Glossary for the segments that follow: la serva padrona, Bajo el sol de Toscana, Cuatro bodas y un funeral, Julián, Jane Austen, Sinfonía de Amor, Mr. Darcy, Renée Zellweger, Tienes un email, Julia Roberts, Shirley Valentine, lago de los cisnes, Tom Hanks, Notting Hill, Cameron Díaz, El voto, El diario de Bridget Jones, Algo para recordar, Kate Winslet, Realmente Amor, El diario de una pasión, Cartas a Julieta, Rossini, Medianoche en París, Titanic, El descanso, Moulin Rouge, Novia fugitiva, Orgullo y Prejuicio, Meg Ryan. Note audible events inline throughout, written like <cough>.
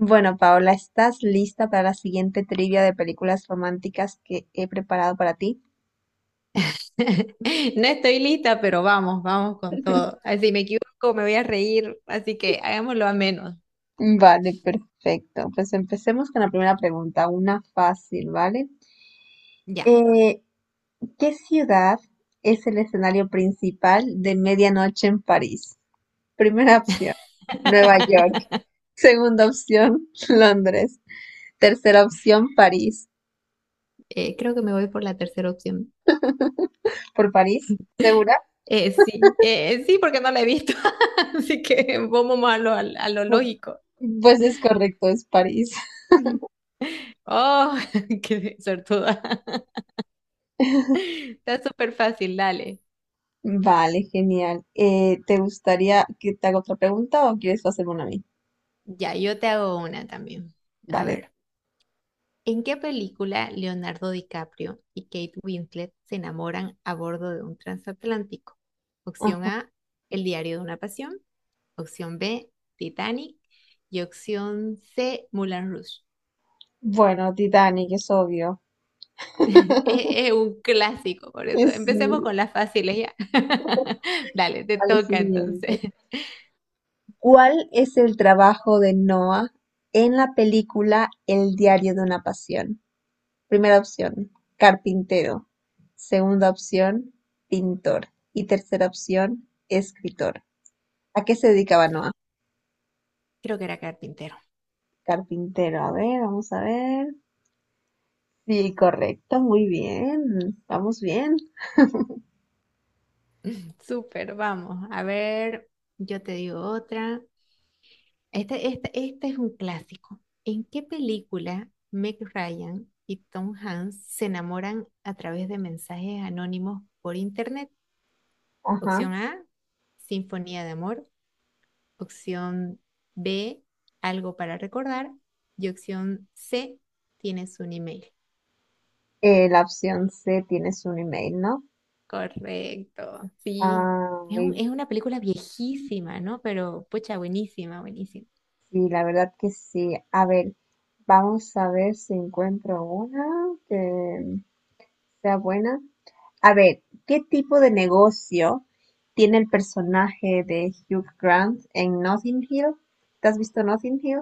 Bueno, Paola, ¿estás lista para la siguiente trivia de películas románticas que he preparado para ti? <laughs> No estoy lista, pero vamos con todo. Si me equivoco, me voy a reír, así que hagámoslo a menos. Vale, perfecto. Pues empecemos con la primera pregunta, una fácil, ¿vale? Ya. Eh, ¿Qué ciudad es el escenario principal de Medianoche en París? Primera opción, Nueva York. <laughs> Segunda opción, <laughs> Londres. Tercera opción, París. Creo que me voy por la tercera opción. ¿Por París? ¿Segura? Sí, sí, porque no la he visto. <laughs> Así que vamos a lo Pu- lógico. Pues es correcto, es París. Ujú. Oh, <laughs> qué sortuda. <laughs> Está súper fácil, dale. Vale, genial. ¿Te gustaría que te haga otra pregunta o quieres hacerme una a mí? Ya, yo te hago una también. A Vale. ver. ¿En qué película Leonardo DiCaprio y Kate Winslet se enamoran a bordo de un transatlántico? Ah, Opción A, El diario de una pasión. Opción B, Titanic. Y opción C, Moulin Rouge. bueno, Titanic, es obvio. <laughs> Es un clásico, por eso <laughs> Sí, empecemos con las fáciles ya. <laughs> Dale, te vale, toca siguiente. entonces. <laughs> ¿Cuál es el trabajo de Noah en la película El diario de una pasión? Primera opción, carpintero. Segunda opción, pintor. Y tercera opción, escritor. ¿A qué se dedicaba Noah? Creo que era carpintero. Carpintero, a ver, vamos a ver. Sí, correcto, muy bien, vamos bien. Súper, vamos. A ver, yo te digo otra. Este es un clásico. ¿En qué película Meg Ryan y Tom Hanks se enamoran a través de mensajes anónimos por internet? Ajá. Opción A, Sinfonía de Amor. Opción B, Algo para recordar. Y opción C, Tienes un email. La opción C, tienes un email, ¿no? Correcto, sí. Ah, y Es una película viejísima, ¿no? Pero, pucha, buenísima, buenísima. sí, la verdad que sí. A ver, vamos a ver si encuentro una que sea buena. A ver, ¿qué tipo de negocio tiene el personaje de Hugh Grant en Notting Hill? ¿Te has visto Notting Hill?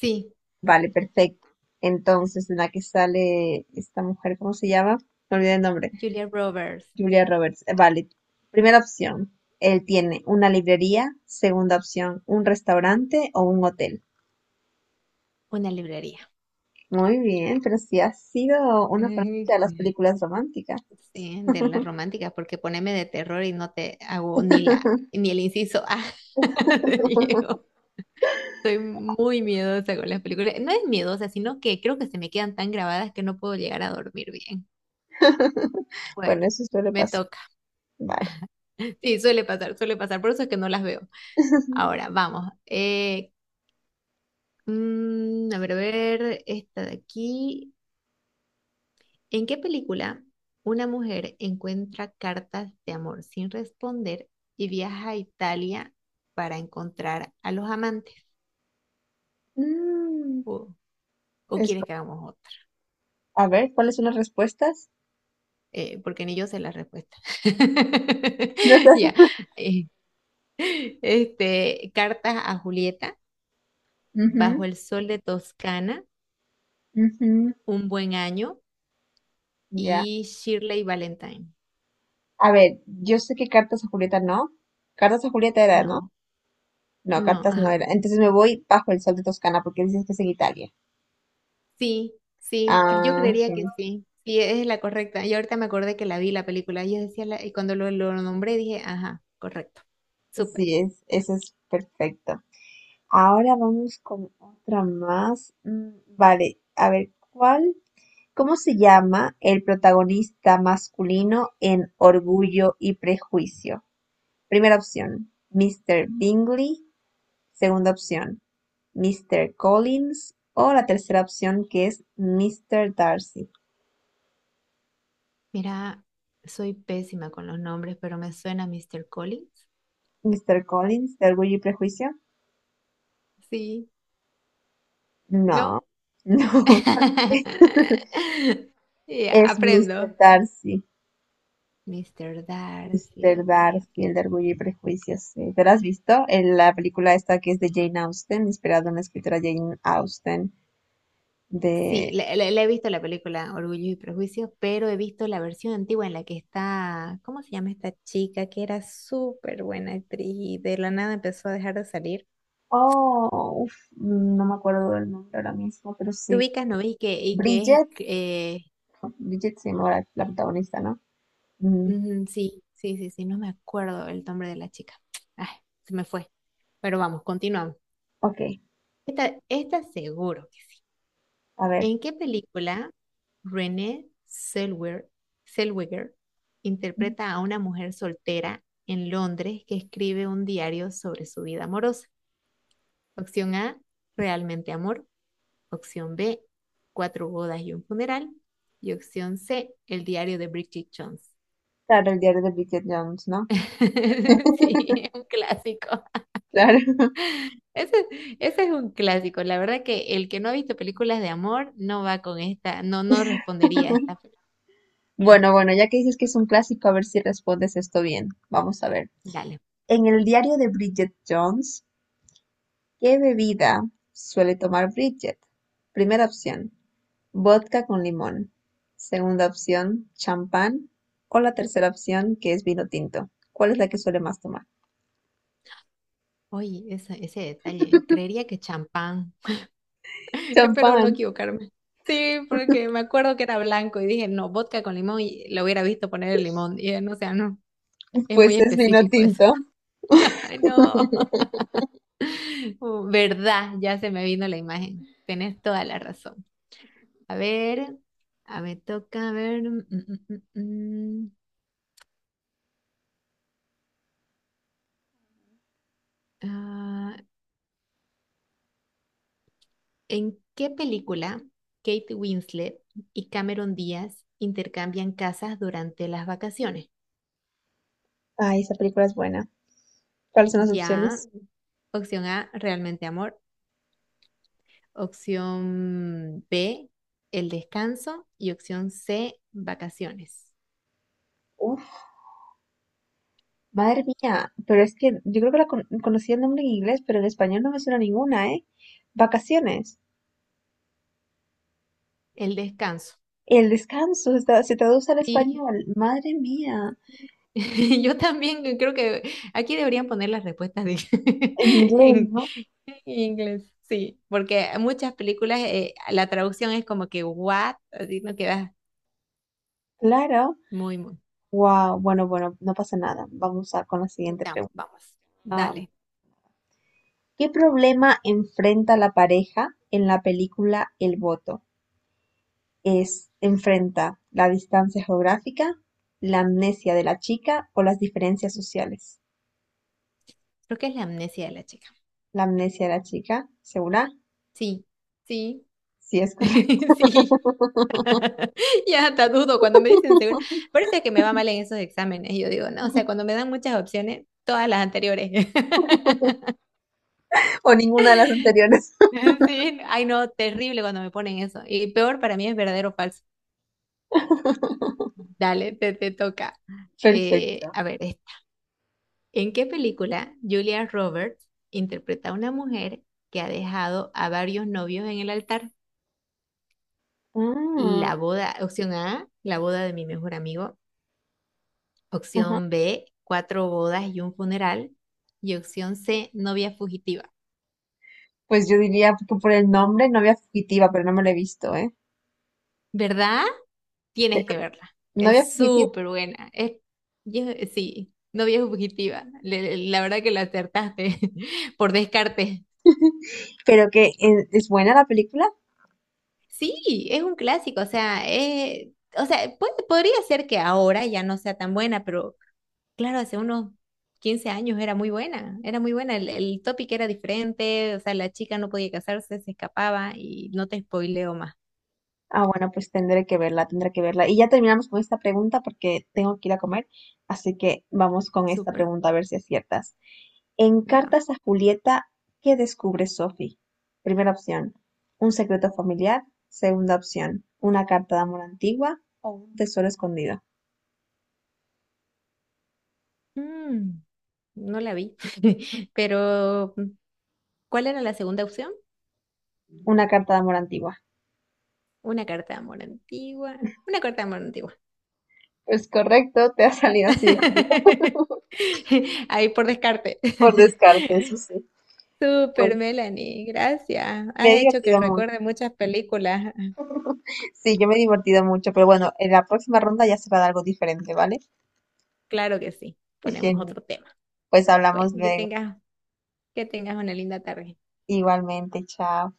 Sí, Vale, perfecto. Entonces, en la que sale esta mujer, ¿cómo se llama? Me olvidé el nombre. Julia Roberts. Julia Roberts. Vale. Primera opción: él tiene una librería. Segunda opción: un restaurante o un hotel. Una librería. Muy bien, pero si ha sido una fanática <laughs> Ujú. de las películas románticas. Sí, de las románticas, porque poneme de terror y no te hago <laughs> ni el inciso A <laughs> de Diego. Soy muy miedosa con las películas. No es miedosa, sino que creo que se me quedan tan grabadas que no puedo llegar a dormir bien. Bueno, Bueno, eso suele me pasar. toca. Vale. <laughs> Sí, suele pasar, suele pasar. Por eso es que no las veo. Ahora, vamos. A ver, esta de aquí. ¿En qué película una mujer encuentra cartas de amor sin responder y viaja a Italia para encontrar a los amantes? Mm, ¿O, o es quieres bu- que hagamos otra? a ver, ¿cuáles son las respuestas? Porque ni yo sé la respuesta. <laughs> No sé. <laughs> Ya. eh, este, cartas a Julieta, Ujú, Bajo el sol de Toscana, ujú, Un buen año ya. y Shirley Valentine. A ver, yo sé que cartas a Julieta no. Cartas a Julieta era, ¿no? No, No, no, cartas no era. ajá. Entonces me voy bajo el sol de Toscana porque dices que es en Italia. Sí, sí, yo Ah, ok. creería que sí. Sí, es la correcta. Y ahorita me acordé que la vi la película. Y yo decía, y cuando lo nombré dije, ajá, correcto. Súper. Sí, es, eso es perfecto. Ahora vamos con otra más. Mm, vale, a ver, ¿cuál? ¿Cómo se llama el protagonista masculino en Orgullo y Prejuicio? Primera opción, Mr. Bingley. Segunda opción, Mr. Collins. O la tercera opción que es Mr. Darcy. Mira, soy pésima con los nombres, pero me suena Mr. Collins. ¿Mr. Collins de Orgullo y Prejuicio? Sí, No, ¿no? <laughs> no, <laughs> Ya, es Mr. aprendo. Darcy. Mr. Darcy, Mr. ok, Darcy, ok. el de Orgullo y prejuicios. Sí. ¿Te lo has visto? En la película esta que es de Jane Austen, inspirada en la escritora Jane Austen, Sí, de... le he visto la película Orgullo y Prejuicios, pero he visto la versión antigua en la que está, ¿cómo se llama esta chica que era súper buena actriz y de la nada empezó a dejar de salir? Oh, uf, no me acuerdo del nombre ahora mismo, pero ¿Te sí. ubicas, no ves? Y que es, Bridget. Bridget se llama la protagonista, ¿no? Mm, sí, sí, sí, sí, no me acuerdo el nombre de la chica. Ay, se me fue. Pero vamos, continuamos. ok, Esta seguro. a ver. ¿En qué película Renée Zellweger, Zellweger interpreta a una mujer soltera en Londres que escribe un diario sobre su vida amorosa? Opción A, Realmente Amor. Opción B, Cuatro bodas y un funeral. Y opción C, El diario de Bridget Jones. Claro, el diario de Bridget Jones, ¿no? <laughs> <laughs> Sí, un clásico. Claro. Ese, ese es un clásico. La verdad que el que no ha visto películas de amor no va con esta, no, no respondería a esta. Bueno, bueno, ya que dices que es un clásico, a ver si respondes esto bien. Vamos a ver. Dale. En el diario de Bridget Jones, ¿qué bebida suele tomar Bridget? Primera opción, vodka con limón. Segunda opción, champán. O la tercera opción, que es vino tinto. ¿Cuál es la que suele más tomar? Oye, ese detalle. Creería que champán. <laughs> Espero no Champán. equivocarme. Sí, porque me acuerdo que era blanco y dije, no, vodka con limón y lo hubiera visto poner el limón. Y no, o sea, no. Es muy Pues es vino específico eso. tinto. <laughs> Ay, no. <laughs> Oh, ¿verdad? Ya se me vino la imagen. Tienes toda la razón. A ver, a ver, toca a ver. Mm. Ah, ¿En qué película Kate Winslet y Cameron Díaz intercambian casas durante las vacaciones? Ay, esa película es buena. ¿Cuáles son las Ya, opciones? opción A, realmente amor. Opción B, el descanso. Y opción C, vacaciones. Uf, madre mía. Pero es que yo creo que la conocía el nombre en inglés, pero en español no me suena ninguna, ¿eh? Vacaciones. El descanso. El descanso se traduce al Sí, español. Madre mía. <laughs> yo también creo que aquí deberían poner las respuestas de- En <laughs> inglés, en, ¿no? en inglés. Sí, porque muchas películas la traducción es como que what, así no queda Claro. Muy. Wow, bueno, bueno, no pasa nada. Vamos a con la siguiente Ya, pregunta. vamos, Ah, dale. ¿Qué problema enfrenta la pareja en la película El voto? ¿Es enfrenta la distancia geográfica, la amnesia de la chica o las diferencias sociales? Creo que es la amnesia de la chica. La amnesia de la chica, ¿segura? Sí, sí, Sí, es <laughs> correcto. <laughs> sí. <laughs> Ya hasta dudo cuando me dicen seguro. Parece que me va mal en esos exámenes. Yo digo, no, o sea, cuando me dan muchas opciones, todas las anteriores. <laughs> O ninguna de las anteriores. <laughs> Sí, ay no, terrible cuando me ponen eso. Y peor para mí es verdadero o falso. Dale, te toca. Perfecto. A ver, esta. ¿En qué película Julia Roberts interpreta a una mujer que ha dejado a varios novios en el altar? Ah, Opción A, la boda de mi mejor amigo. ajá. Opción B, cuatro bodas y un funeral. Y opción C, novia fugitiva. Pues yo diría que por el nombre, novia fugitiva, pero no me lo he visto, ¿eh? ¿Verdad? Te- Tienes que verla. Novia Es fugitiva, súper buena. Yo- sí, novia fugitiva. La verdad que la acertaste <laughs> por descarte. pero que es buena la película. Sí, es un clásico. O sea, podría ser que ahora ya no sea tan buena, pero claro, hace unos 15 años era muy buena. Era muy buena. El topic era diferente. O sea, la chica no podía casarse, se escapaba y no te spoileo. Ah, bueno, pues tendré que verla, tendré que verla. Y ya terminamos con esta pregunta porque tengo que ir a comer, así que vamos con esta Super. pregunta a ver si aciertas. En Dam. Cartas a Julieta, ¿qué descubre Sophie? Primera opción, un secreto familiar. Segunda opción, una carta de amor antigua o un tesoro escondido. Mm, no la vi. <laughs> Pero, ¿cuál era la segunda opción? Una carta de amor antigua. Una carta de amor antigua. Una carta de amor antigua. Pues correcto, te ha salido así de que <laughs> Ahí por descarte. por descarte, eso <laughs> sí. Super Bueno, Melanie, gracias. me Has he hecho que divertido mucho. recuerde muchas películas. Sí, yo me he divertido mucho, pero bueno, en la próxima ronda ya será de algo diferente, ¿vale? Claro que sí. Ponemos Genial. otro tema. Pues Bueno, hablamos luego. Que tengas una linda tarde. Igualmente, chao.